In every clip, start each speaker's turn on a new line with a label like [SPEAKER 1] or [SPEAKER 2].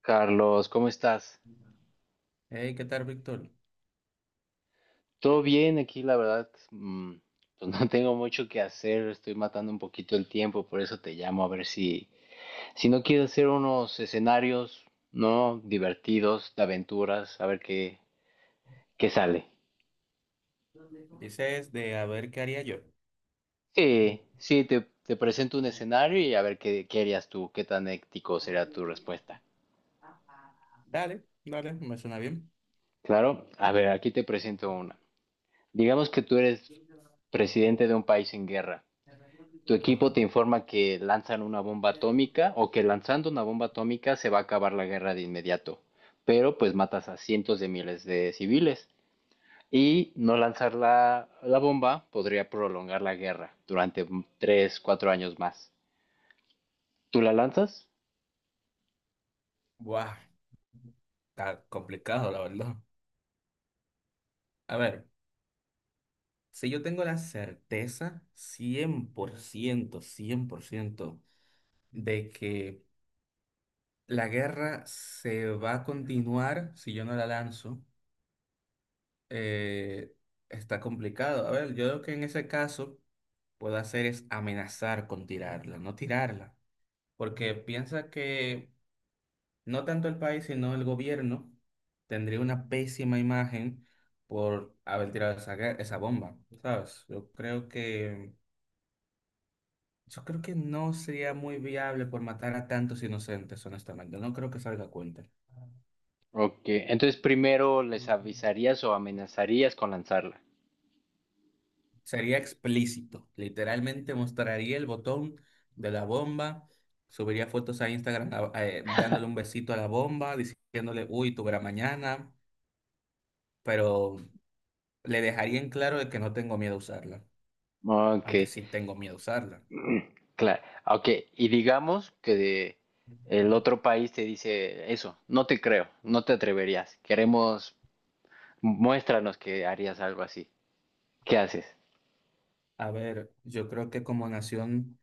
[SPEAKER 1] Carlos, ¿cómo estás? ¿Todo bien aquí? La verdad, mm, pues no tengo mucho que hacer, estoy matando un poquito el tiempo, por eso te llamo a ver si no quieres hacer unos escenarios, ¿no? Divertidos, de aventuras, a ver qué sale. Sí, sí, te presento un escenario y a ver qué harías tú, qué tan ético será tu respuesta.
[SPEAKER 2] Dale, dale, me suena bien.
[SPEAKER 1] Claro, a ver, aquí te presento una. Digamos que tú eres presidente de un país en guerra. Tu equipo
[SPEAKER 2] Ajá.
[SPEAKER 1] te informa que lanzan una bomba atómica o que lanzando una bomba atómica se va a acabar la guerra de inmediato, pero pues matas a cientos de miles de civiles. Y no lanzar la bomba podría prolongar la guerra durante tres, cuatro años más. ¿Tú la lanzas?
[SPEAKER 2] Buah, está complicado, la verdad. A ver, si yo tengo la certeza cien por ciento de que la guerra se va a continuar si yo no la lanzo, eh, está complicado. A ver, yo lo que en ese caso puedo hacer es amenazar con tirarla, no tirarla. Porque piensa que no tanto el país, sino el gobierno, tendría una pésima imagen por haber tirado esa bomba, ¿sabes? Yo creo que no sería muy viable por matar a tantos inocentes, honestamente. No creo que salga a cuenta.
[SPEAKER 1] Ok, entonces primero les avisarías o amenazarías con lanzarla.
[SPEAKER 2] Sería explícito. Literalmente mostraría el botón de la bomba, subiría fotos a Instagram dándole un besito a la bomba, diciéndole, uy, tú verás mañana, pero le dejaría en claro de que no tengo miedo a usarla
[SPEAKER 1] Ok.
[SPEAKER 2] aunque sí tengo miedo a usarla.
[SPEAKER 1] Claro, ok, y digamos que el otro país te dice eso, no te creo, no te atreverías, queremos, muéstranos que harías algo así, ¿qué haces?
[SPEAKER 2] A ver, yo creo que como nación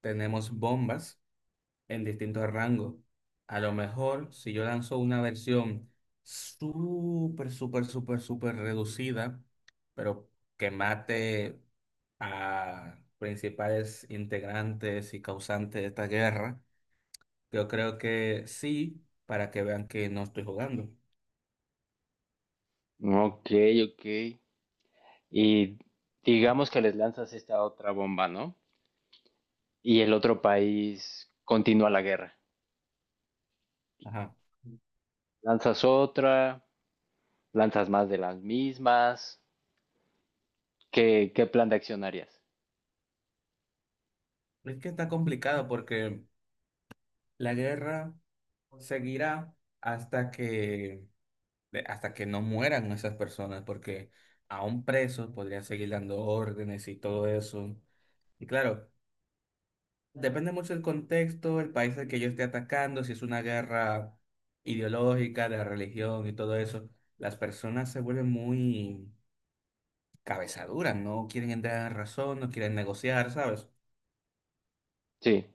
[SPEAKER 2] tenemos bombas en distintos rangos. A lo mejor si yo lanzo una versión súper, súper, súper, súper reducida, pero que mate a principales integrantes y causantes de esta guerra, yo creo que sí, para que vean que no estoy jugando.
[SPEAKER 1] Ok, ok, y digamos que les lanzas esta otra bomba, ¿no? Y el otro país continúa la guerra,
[SPEAKER 2] Ajá.
[SPEAKER 1] lanzas otra, lanzas más de las mismas, ¿ qué plan de acción harías?
[SPEAKER 2] Es que está complicado porque la guerra seguirá hasta que hasta que no mueran esas personas, porque aún presos podrían seguir dando órdenes y todo eso. Y claro, depende mucho del contexto, el país al que yo esté atacando, si es una guerra ideológica, de religión y todo eso, las personas se vuelven muy cabezaduras, no quieren entrar en razón, no quieren negociar, ¿sabes?
[SPEAKER 1] Sí.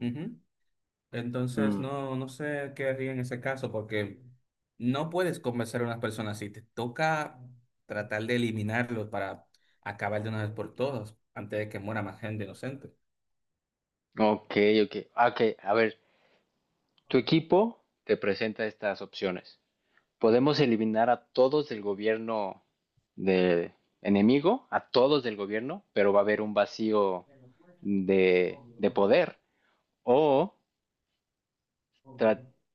[SPEAKER 2] Ujú. Entonces,
[SPEAKER 1] Mm,
[SPEAKER 2] no sé qué haría en ese caso, porque no puedes convencer a unas personas así. Te toca tratar de eliminarlos para acabar de una vez por todas, antes de que muera más gente inocente.
[SPEAKER 1] ok, ok, ah, ok, a ver. Tu equipo te presenta estas opciones. Podemos eliminar a todos del gobierno de enemigo, a todos del gobierno, pero va a haber un vacío de poder. O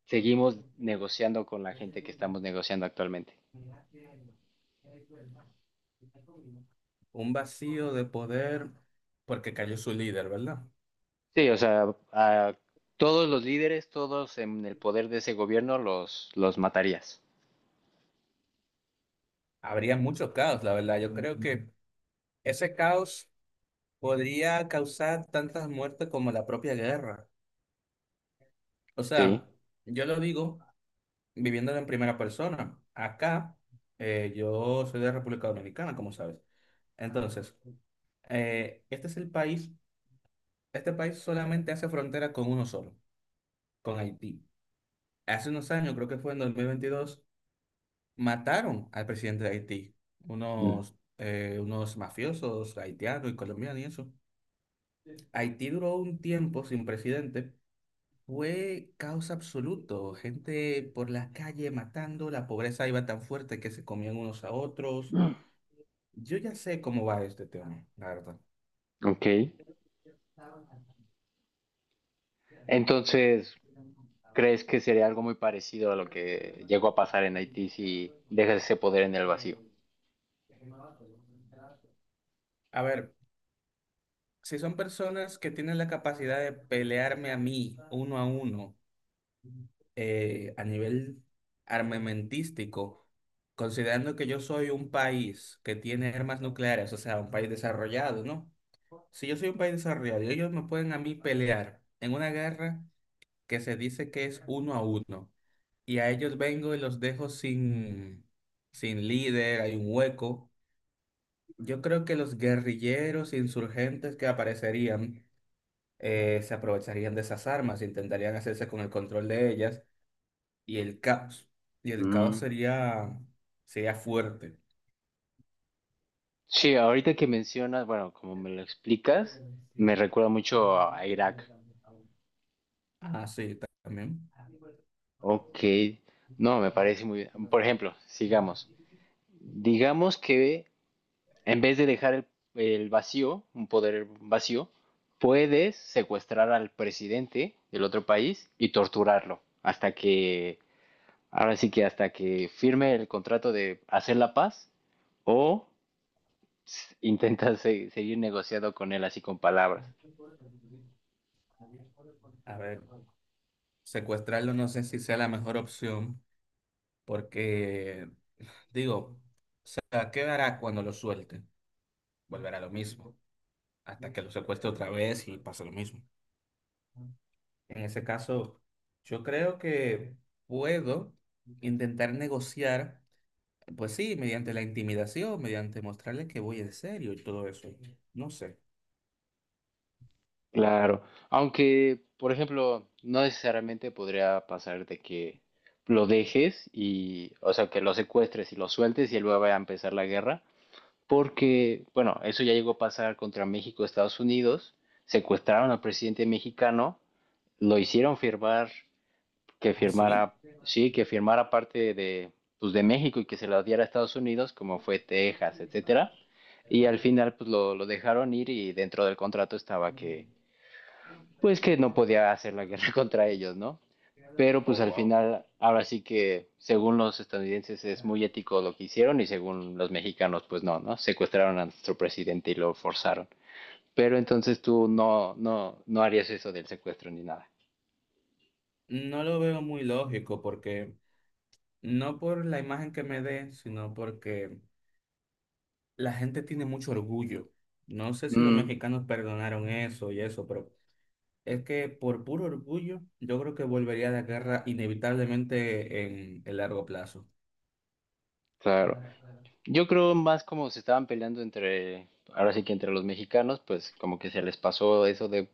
[SPEAKER 1] seguimos negociando con la gente que estamos negociando actualmente.
[SPEAKER 2] Un vacío de poder porque cayó su líder, ¿verdad?
[SPEAKER 1] Sí, o sea, a todos los líderes, todos en el poder de ese gobierno, los matarías.
[SPEAKER 2] Habría mucho caos, la verdad. Yo creo que ese caos podría causar tantas muertes como la propia guerra. O
[SPEAKER 1] Sí.
[SPEAKER 2] sea, yo lo digo viviéndolo en primera persona. Acá, yo soy de República Dominicana, como sabes. Entonces, eh, este es el país, este país solamente hace frontera con uno solo, con Haití. Hace unos años, creo que fue en 2022 mataron al presidente de Haití,
[SPEAKER 1] Mm.
[SPEAKER 2] unos mafiosos haitianos y colombianos y eso. Haití duró un tiempo sin presidente. Fue caos absoluto, gente por las calles matando, la pobreza iba tan fuerte que se comían unos a otros. Yo ya sé cómo va este tema, la verdad.
[SPEAKER 1] Ok. Entonces, ¿crees que sería algo muy parecido a lo que llegó a pasar en Haití si dejas ese poder en el vacío?
[SPEAKER 2] A ver, si son personas que tienen la capacidad de pelearme a mí uno a uno, a nivel armamentístico, considerando que yo soy un país que tiene armas nucleares, o sea, un país desarrollado, ¿no? Si yo soy un país desarrollado y ellos me pueden a mí pelear en una guerra que se dice que es uno a uno, y a ellos vengo y los dejo sin líder, hay un hueco. Yo creo que los guerrilleros insurgentes que aparecerían se aprovecharían de esas armas, intentarían hacerse con el control de ellas y el caos. Y el caos
[SPEAKER 1] Mm.
[SPEAKER 2] sería fuerte.
[SPEAKER 1] Sí, ahorita que mencionas, bueno, como me lo explicas, me recuerda mucho a Irak.
[SPEAKER 2] Ah, sí, también.
[SPEAKER 1] Ok, no, me parece muy bien. Por ejemplo, sigamos. Digamos que en vez de dejar el vacío, un poder vacío, puedes secuestrar al presidente del otro país y torturarlo hasta que, ahora sí que hasta que firme el contrato de hacer la paz. O intentas seguir negociando con él así con palabras.
[SPEAKER 2] A ver, secuestrarlo no sé si sea la mejor opción, porque, digo, o sea, ¿qué hará cuando lo suelte? Volverá a lo mismo, hasta que lo secuestre otra vez y pasa lo mismo. En ese caso, yo creo que puedo intentar negociar, pues sí, mediante la intimidación, mediante mostrarle que voy en serio y todo eso. No sé.
[SPEAKER 1] Claro. Aunque, por ejemplo, no necesariamente podría pasar de que lo dejes y, o sea, que lo secuestres y lo sueltes y luego vaya a empezar la guerra, porque, bueno, eso ya llegó a pasar contra México, Estados Unidos, secuestraron al presidente mexicano, lo hicieron firmar que
[SPEAKER 2] ¿Ah, sí?
[SPEAKER 1] firmara, sí, que firmara parte de, pues, de México y que se la diera a Estados Unidos, como fue Texas, etcétera. Y al final, pues lo dejaron ir y dentro del contrato estaba que, pues que no podía hacer la guerra contra ellos, ¿no? Pero pues
[SPEAKER 2] Oh,
[SPEAKER 1] al
[SPEAKER 2] wow.
[SPEAKER 1] final, ahora sí que según los estadounidenses es muy ético lo que hicieron y según los mexicanos, pues no, ¿no? Secuestraron a nuestro presidente y lo forzaron. Pero entonces tú no, no, no harías eso del secuestro ni nada.
[SPEAKER 2] No lo veo muy lógico porque no por la imagen que me dé, sino porque la gente tiene mucho orgullo. No sé si los
[SPEAKER 1] Mm,
[SPEAKER 2] mexicanos perdonaron eso y eso, pero es que por puro orgullo yo creo que volvería a la guerra inevitablemente en el largo plazo.
[SPEAKER 1] claro. Yo creo más como se estaban peleando entre, ahora sí que entre los mexicanos, pues como que se les pasó eso de,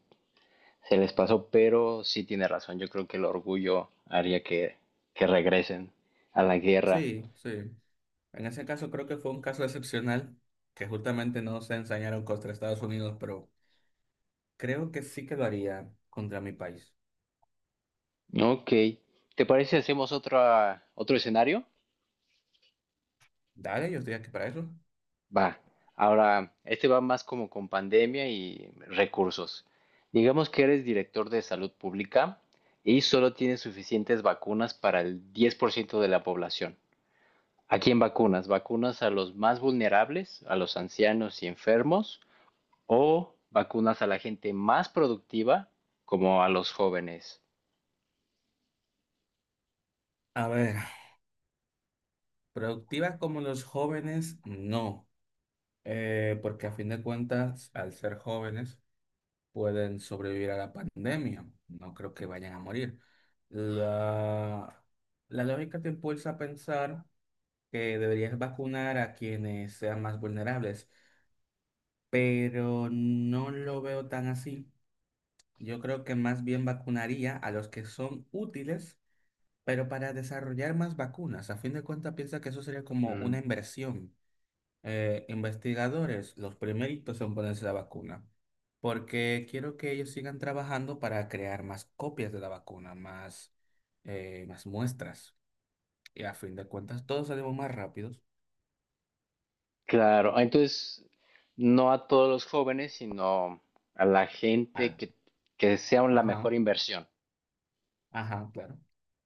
[SPEAKER 1] se les pasó, pero sí tiene razón, yo creo que el orgullo haría que regresen a la guerra.
[SPEAKER 2] Sí, sí. En ese caso creo que fue un caso excepcional que justamente no se ensañaron contra Estados Unidos, pero creo que sí que lo haría contra mi país.
[SPEAKER 1] Ok, ¿te parece si hacemos otra, otro escenario?
[SPEAKER 2] Dale, yo estoy aquí para eso.
[SPEAKER 1] Va, ahora, este va más como con pandemia y recursos. Digamos que eres director de salud pública y solo tienes suficientes vacunas para el 10% de la población. Aquí en vacunas, vacunas a los más vulnerables, a los ancianos y enfermos, o vacunas a la gente más productiva, como a los jóvenes.
[SPEAKER 2] A ver, productivas como los jóvenes, no. Porque a fin de cuentas, al ser jóvenes, pueden sobrevivir a la pandemia. No creo que vayan a morir. La, la lógica te impulsa a pensar que deberías vacunar a quienes sean más vulnerables, pero no lo veo tan así. Yo creo que más bien vacunaría a los que son útiles, pero para desarrollar más vacunas. A fin de cuentas, piensa que eso sería como una
[SPEAKER 1] Mm.
[SPEAKER 2] inversión. Investigadores, los primeritos en ponerse la vacuna, porque quiero que ellos sigan trabajando para crear más copias de la vacuna, más muestras. Y a fin de cuentas, todos salimos más rápidos.
[SPEAKER 1] Claro, entonces no a todos los jóvenes, sino a la gente
[SPEAKER 2] Ah,
[SPEAKER 1] que sea la
[SPEAKER 2] ajá,
[SPEAKER 1] mejor inversión.
[SPEAKER 2] ajá, claro.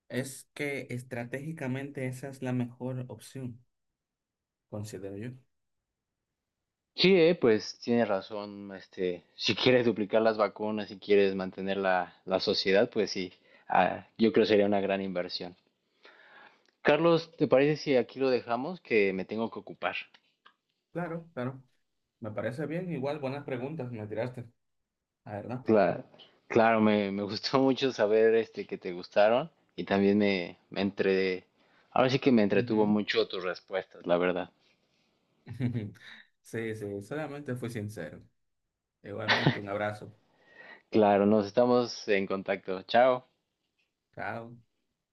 [SPEAKER 2] Es que estratégicamente esa es la mejor opción, considero yo.
[SPEAKER 1] Sí, pues tiene razón, este, si quieres duplicar las vacunas, si quieres mantener la sociedad, pues sí, ah, yo creo que sería una gran inversión. Carlos, ¿te parece si aquí lo dejamos? Que me tengo que ocupar.
[SPEAKER 2] Claro, claro. Me parece bien. Igual, buenas preguntas me tiraste, la verdad.
[SPEAKER 1] Claro, claro me gustó mucho saber este, que te gustaron y también me entre... Ahora sí que me entretuvo mucho tus respuestas, la verdad.
[SPEAKER 2] Ujú. Sí, sí, solamente fui sincero. Igualmente, un abrazo.
[SPEAKER 1] Claro, nos estamos en contacto. Chao.
[SPEAKER 2] Chao.